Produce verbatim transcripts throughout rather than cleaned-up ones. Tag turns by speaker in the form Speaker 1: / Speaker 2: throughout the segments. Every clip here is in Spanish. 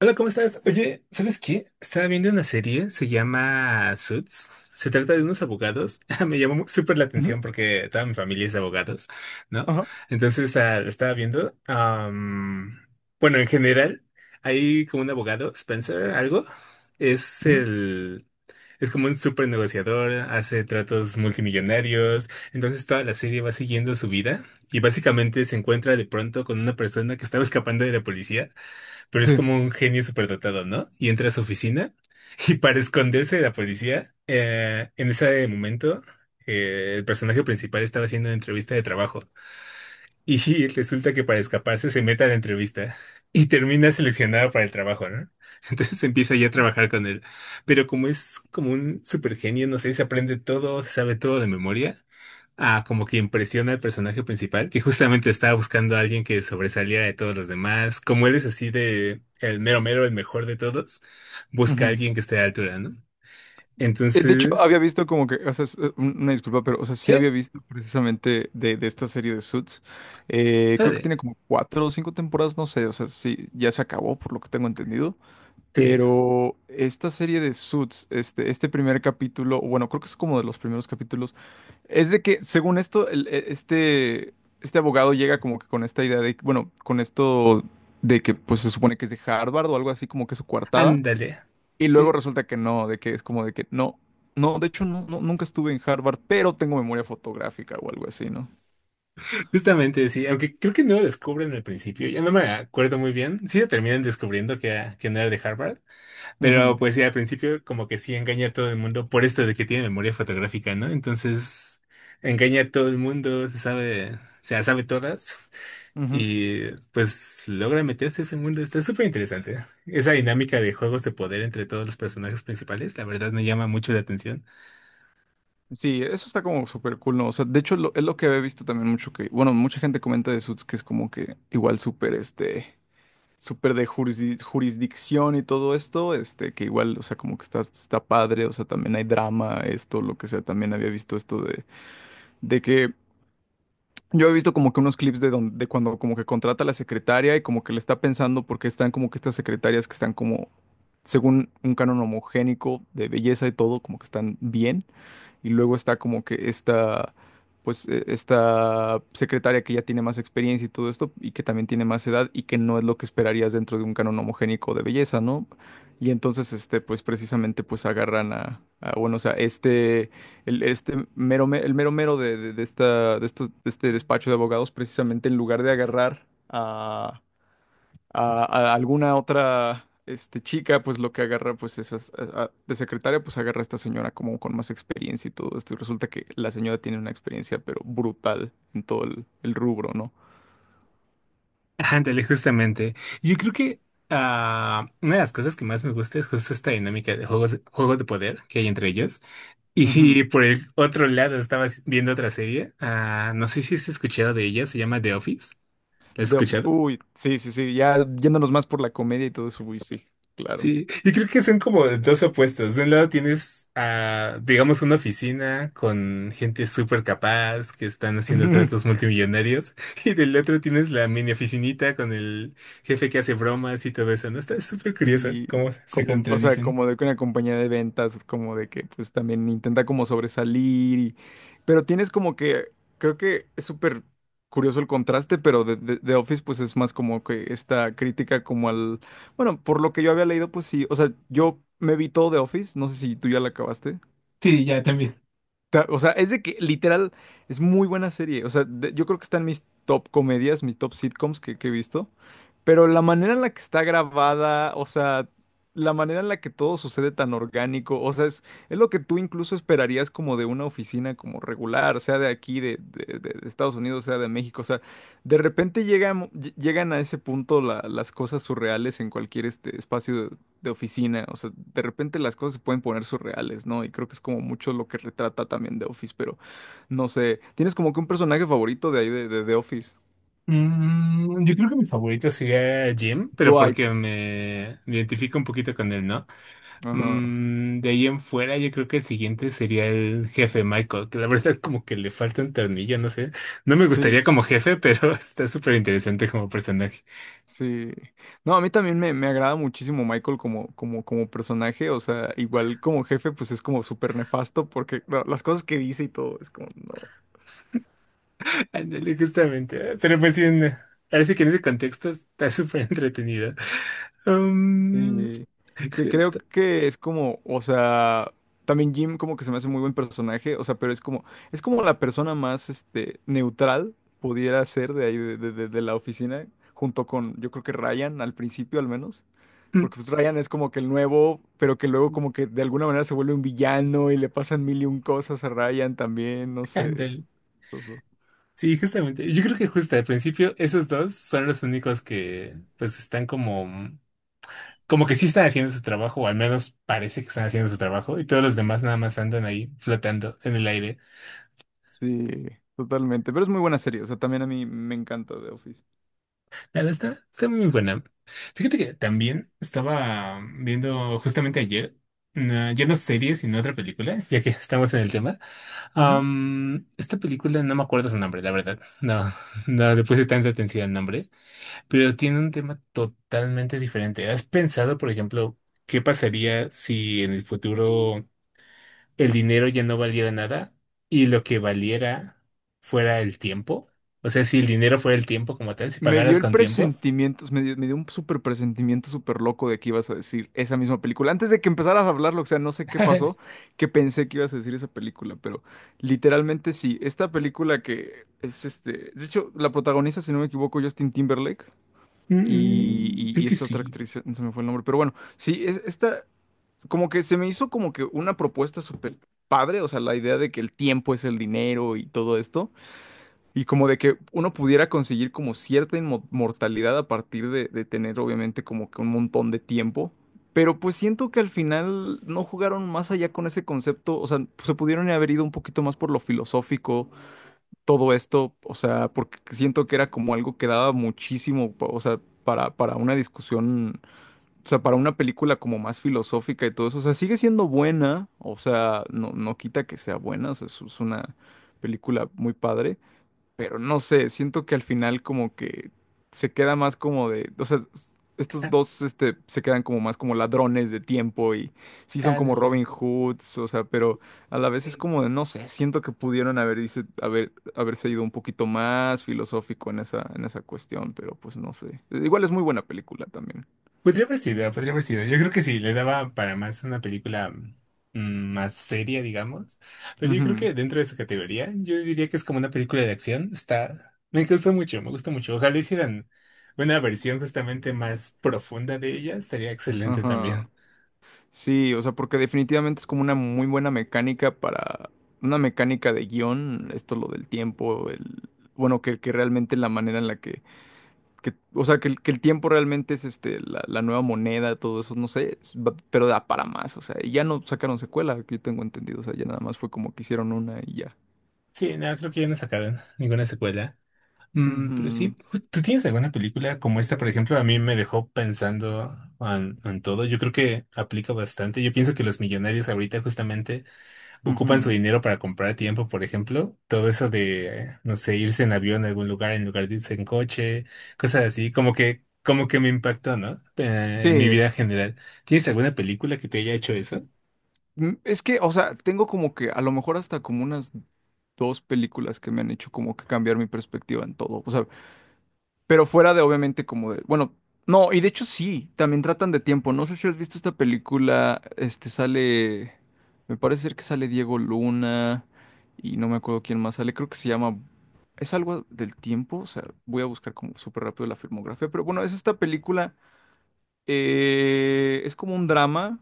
Speaker 1: Hola, ¿cómo estás? Oye, ¿sabes qué? Estaba viendo una serie, se llama Suits. Se trata de unos abogados. Me llamó mu- súper la
Speaker 2: Ujú.
Speaker 1: atención porque toda mi familia es de abogados, ¿no?
Speaker 2: Ajá.
Speaker 1: Entonces, ah, lo estaba viendo. Am, bueno, en general, hay como un abogado, Spencer, algo. Es
Speaker 2: Ujú.
Speaker 1: el... Es como un súper negociador, hace tratos multimillonarios. Entonces, toda la serie va siguiendo su vida y básicamente se encuentra de pronto con una persona que estaba escapando de la policía, pero es
Speaker 2: Sí.
Speaker 1: como un genio superdotado, ¿no? Y entra a su oficina y para esconderse de la policía, eh, en ese momento eh, el personaje principal estaba haciendo una entrevista de trabajo y resulta que para escaparse se mete a la entrevista y termina seleccionado para el trabajo, ¿no? Entonces empieza ya a trabajar con él. Pero como es como un supergenio, no sé, se aprende todo, se sabe todo de memoria. Ah, como que impresiona al personaje principal, que justamente estaba buscando a alguien que sobresaliera de todos los demás. Como él es así de el mero mero, el mejor de todos, busca a
Speaker 2: Ujú.
Speaker 1: alguien que esté a la altura, ¿no?
Speaker 2: Eh, De hecho,
Speaker 1: Entonces,
Speaker 2: había visto como que, o sea, es, eh, un- una disculpa, pero, o sea, sí
Speaker 1: sí,
Speaker 2: había visto precisamente de, de esta serie de Suits. Eh, creo que
Speaker 1: ándale,
Speaker 2: tiene como cuatro o cinco temporadas, no sé, o sea, sí, ya se acabó, por lo que tengo entendido.
Speaker 1: sí,
Speaker 2: Pero esta serie de Suits, este, este primer capítulo, o bueno, creo que es como de los primeros capítulos, es de que, según esto, el- e- este, este abogado llega como que con esta idea de, bueno, con esto de que, pues, se supone que es de Harvard o algo así, como que su coartada.
Speaker 1: ándale.
Speaker 2: Y luego
Speaker 1: Sí,
Speaker 2: resulta que no, de que es como de que no, no, de hecho no, no- nunca estuve en Harvard, pero tengo memoria fotográfica o algo así, ¿no?
Speaker 1: justamente sí, aunque creo que no lo descubren al principio, ya no me acuerdo muy bien. Sí lo terminan descubriendo que, era- que no era de Harvard. Pero
Speaker 2: Ujú,
Speaker 1: pues sí, al principio como que sí engaña a todo el mundo por esto de que tiene memoria fotográfica, ¿no? Entonces engaña a todo el mundo, se sabe, se las sabe todas
Speaker 2: ujú.
Speaker 1: y pues logra meterse a ese mundo. Está súper interesante. Esa dinámica de juegos de poder entre todos los personajes principales, la verdad me llama mucho la atención.
Speaker 2: Sí, eso está como súper cool, ¿no? O sea, de hecho lo- es lo que había visto también mucho que, bueno, mucha gente comenta de Suits que es como que igual súper, este, súper de jurisdi- jurisdicción y todo esto, este, que igual, o sea, como que está, está padre, o sea, también hay drama, esto, lo que sea, también había visto esto de, de que yo he visto como que unos clips de, donde, de cuando como que contrata a la secretaria y como que le está pensando porque están como que estas secretarias que están como, según un canon homogénico de belleza y todo, como que están bien y luego está como que esta, pues e- esta secretaria que ya tiene más experiencia y todo esto y que también tiene más edad y que no es lo que esperarías dentro de un canon homogénico de belleza, ¿no? Y entonces, este, pues precisamente, pues agarran a, a, bueno, o sea, este, el, este mero, me- el mero mero de, de, de esta, de estos, de este despacho de abogados, precisamente en lugar de agarrar a a, a alguna otra este, chica, pues lo que agarra, pues esas, a- a- de secretaria, pues agarra a esta señora como con más experiencia y todo esto. Y resulta que la señora tiene una experiencia, pero brutal en todo el, el rubro, ¿no?
Speaker 1: Ándale, justamente. Yo creo que ah, una de las cosas que más me gusta es justo esta dinámica de juegos, juegos de poder que hay entre ellos.
Speaker 2: Ujú.
Speaker 1: Y por el otro lado, estaba viendo otra serie. Ah, no sé si has escuchado de ella, se llama The Office. ¿La has
Speaker 2: The Office.
Speaker 1: escuchado?
Speaker 2: Uy, sí, sí, sí, ya yéndonos más por la comedia y todo eso, uy, sí, claro.
Speaker 1: Sí, y creo que son como dos opuestos. De un lado tienes a, digamos, una oficina con gente súper capaz que están haciendo tratos multimillonarios, y del otro tienes la mini oficinita con el jefe que hace bromas y todo eso, ¿no? Está súper curioso
Speaker 2: Sí,
Speaker 1: cómo se
Speaker 2: com- o sea,
Speaker 1: contradicen.
Speaker 2: como de que una compañía de ventas, es como de que pues también intenta como sobresalir, y, pero tienes como que, creo que es súper curioso el contraste, pero de, de, de Office pues es más como que esta crítica como al, bueno, por lo que yo había leído, pues sí, o sea, yo me vi todo de Office, no sé si tú ya la acabaste.
Speaker 1: Sí, ya también.
Speaker 2: Ta- O sea, es de que literal es muy buena serie. O sea, de- yo creo que está en mis top comedias, mis top sitcoms que, que he visto. Pero la manera en la que está grabada, o sea, la manera en la que todo sucede tan orgánico, o sea, es, es lo que tú incluso esperarías como de una oficina como regular, sea de aquí, de, de- de- de Estados Unidos, sea de México, o sea, de repente llegan, ll- llegan a ese punto la- las cosas surreales en cualquier este espacio de, de oficina, o sea, de repente las cosas se pueden poner surreales, ¿no? Y creo que es como mucho lo que retrata también The Office, pero no sé, ¿tienes como que un personaje favorito de ahí de, de The Office?
Speaker 1: Mm, yo creo que mi favorito sería Jim, pero porque
Speaker 2: Dwight.
Speaker 1: me identifico un poquito con él, ¿no?
Speaker 2: Ajá.
Speaker 1: Mm, de ahí en fuera, yo creo que el siguiente sería el jefe Michael, que la verdad como que le falta un tornillo, no sé. No me
Speaker 2: Sí.
Speaker 1: gustaría como jefe, pero está súper interesante como personaje.
Speaker 2: Sí. No, a mí también me, me agrada muchísimo Michael como, como, como personaje. O sea, igual como jefe, pues es como súper nefasto porque no, las cosas que dice y todo es como, no.
Speaker 1: Ándale, justamente. Pero pues sí, en- ahora sí que en ese contexto está súper entretenido. Um,
Speaker 2: Sí. Que creo
Speaker 1: Justo.
Speaker 2: que es como, o sea, también Jim como que se me hace muy buen personaje. O sea, pero es como, es como la persona más, este, neutral pudiera ser de ahí, de, de de- de la oficina, junto con, yo creo que Ryan al principio al menos.
Speaker 1: Mm,
Speaker 2: Porque pues Ryan es como que el nuevo, pero que luego como que de alguna manera se vuelve un villano y le pasan mil y un cosas a Ryan también, no sé.
Speaker 1: ándale.
Speaker 2: Es chistoso.
Speaker 1: Sí, justamente. Yo creo que justo al principio esos dos son los únicos que pues están como como que sí están haciendo su trabajo, o al menos parece que están haciendo su trabajo, y todos los demás nada más andan ahí flotando en el aire.
Speaker 2: Sí, totalmente. Pero es muy buena serie, o sea, también a mí me encanta The Office.
Speaker 1: Claro, está, está muy buena. Fíjate que también estaba viendo justamente ayer, una- ya no serie, sino otra película, ya que estamos en el tema.
Speaker 2: Ujú.
Speaker 1: Am, esta película no me acuerdo su nombre, la verdad. No, no le puse tanta atención al nombre, pero tiene un tema totalmente diferente. ¿Has pensado, por ejemplo, qué pasaría si en el futuro... el dinero ya no valiera nada y lo que valiera fuera el tiempo? O sea, si el dinero fuera el tiempo como tal, si
Speaker 2: Me
Speaker 1: pagaras
Speaker 2: dio el
Speaker 1: con tiempo.
Speaker 2: presentimiento, me dio, me dio un súper presentimiento súper loco de que ibas a decir esa misma película. Antes de que empezaras a hablarlo, o sea, no sé qué pasó, que pensé que ibas a decir esa película, pero literalmente sí. Esta película que es este, de hecho, la protagoniza, si no me equivoco, Justin Timberlake. y,
Speaker 1: Mm,
Speaker 2: y-
Speaker 1: creo
Speaker 2: y
Speaker 1: que
Speaker 2: esta otra
Speaker 1: sí.
Speaker 2: actriz, se se me fue el nombre, pero bueno, sí, es- esta, como que se me hizo como que una propuesta súper padre, o sea, la idea de que el tiempo es el dinero y todo esto, y como de que uno pudiera conseguir como cierta inmortalidad a partir de, de tener obviamente como que un montón de tiempo. Pero pues siento que al final no jugaron más allá con ese concepto, o sea, se pudieron haber ido un poquito más por lo filosófico, todo esto, o sea, porque siento que era como algo que daba muchísimo, pa- o sea, para, para una discusión, o sea, para una película como más filosófica y todo eso, o sea, sigue siendo buena, o sea, no, no quita que sea buena, o sea, es, es una película muy padre, pero no sé, siento que al final como que se queda más como de, o sea, s- estos
Speaker 1: Ah,
Speaker 2: dos este, se quedan como más como ladrones de tiempo y sí son como
Speaker 1: ándale.
Speaker 2: Robin Hoods, o sea, pero a la vez es como de, no sé, siento que pudieron haber, dice, haber, haberse ido un poquito más filosófico en esa, en esa cuestión, pero pues no sé. Igual es muy buena película también.
Speaker 1: Podría haber sido, podría haber sido. Yo creo que sí, le daba para más una película mm, más seria, digamos. Pero yo creo
Speaker 2: Ujú.
Speaker 1: que dentro de esa categoría, yo diría que es como una película de acción. Está, me gustó mucho, me gusta mucho. Ojalá hicieran una versión justamente más profunda de ella, estaría excelente
Speaker 2: Ajá.
Speaker 1: también.
Speaker 2: Sí, o sea, porque definitivamente es como una muy buena mecánica para una mecánica de guión, esto lo del tiempo, el bueno, que, que realmente la manera en la que, que- o sea, que, el que el tiempo realmente es este la, la nueva moneda, todo eso, no sé, es- va- pero da para más, o sea, y ya no sacaron secuela, que yo tengo entendido, o sea, ya nada más fue como que hicieron una y ya.
Speaker 1: Sí, no, creo que ya no sacaron ninguna secuela. Mm, pero sí,
Speaker 2: Ujú,
Speaker 1: ju- ¿tú tienes alguna película como esta, por ejemplo? A mí me dejó pensando en, en todo. Yo creo que aplica bastante. Yo pienso que los millonarios ahorita justamente ocupan su
Speaker 2: ujú.
Speaker 1: dinero para comprar tiempo, por ejemplo. Todo eso de, no sé, irse en avión a algún lugar en lugar de irse en coche, cosas así, como que, como que me impactó, ¿no? Eh, en mi
Speaker 2: Sí,
Speaker 1: vida en general. ¿Tienes alguna película que te haya hecho eso?
Speaker 2: mm, es que, o sea, tengo como que a lo mejor hasta como unas dos películas que me han hecho como que cambiar mi perspectiva en todo, o sea, pero fuera de, obviamente, como de. Bueno, no, y de hecho sí, también tratan de tiempo. No sé si has visto esta película. Este sale. Me parece ser que sale Diego Luna. Y no me acuerdo quién más sale. Creo que se llama. Es algo del tiempo. O sea, voy a buscar como súper rápido la filmografía. Pero bueno, es esta película. Eh, es como un drama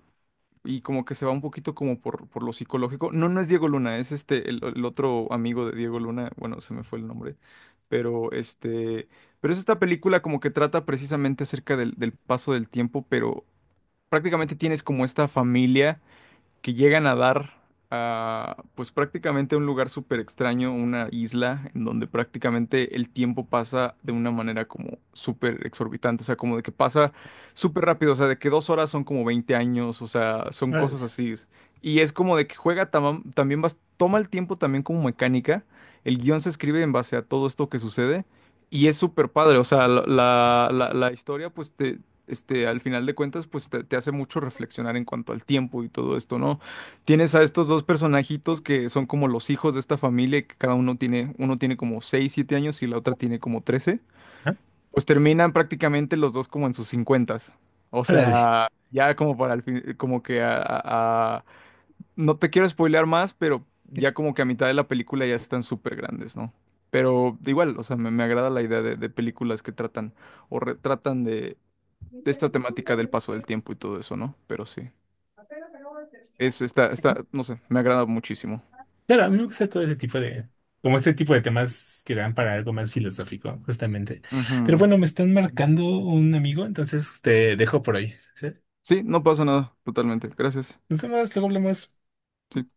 Speaker 2: y como que se va un poquito como por, por lo psicológico. No, no es Diego Luna, es este, el, el otro amigo de Diego Luna, bueno, se me fue el nombre, pero este, pero es esta película como que trata precisamente acerca del, del paso del tiempo, pero prácticamente tienes como esta familia que llegan a dar a, pues prácticamente a un lugar súper extraño, una isla en donde prácticamente el tiempo pasa de una manera como súper exorbitante, o sea, como de que pasa súper rápido, o sea, de que dos horas son como veinte años, o sea, son cosas
Speaker 1: Órale.
Speaker 2: así. Y es como de que juega tama- también, bas- toma el tiempo también como mecánica, el guión se escribe en base a todo esto que sucede. Y es súper padre, o sea, la, la- la- la historia pues te, este, al final de cuentas, pues te, te hace mucho reflexionar en cuanto al tiempo y todo esto, ¿no? Tienes a estos dos personajitos que son como los hijos de esta familia, y que cada uno tiene, uno tiene como seis siete años y la otra tiene como trece.
Speaker 1: ¿Ah?
Speaker 2: Pues terminan prácticamente los dos como en sus cincuentas. O
Speaker 1: Órale.
Speaker 2: sea, ya como para el fin, como que a, a- a- no te quiero spoilear más, pero ya como que a mitad de la película ya están súper grandes, ¿no? Pero igual, o sea, me, me agrada la idea de, de películas que tratan o retratan de esta temática del paso del tiempo y todo eso, ¿no? Pero sí. Es, está, está, no sé, me agrada muchísimo.
Speaker 1: Claro, a mí me gusta todo ese tipo de, como este tipo de temas que dan para algo más filosófico, justamente. Pero
Speaker 2: Ujú.
Speaker 1: bueno, me están marcando un amigo, entonces te dejo por hoy. ¿Sí?
Speaker 2: Sí, no pasa nada, totalmente. Gracias.
Speaker 1: Nos vemos, luego hablamos.
Speaker 2: Sí.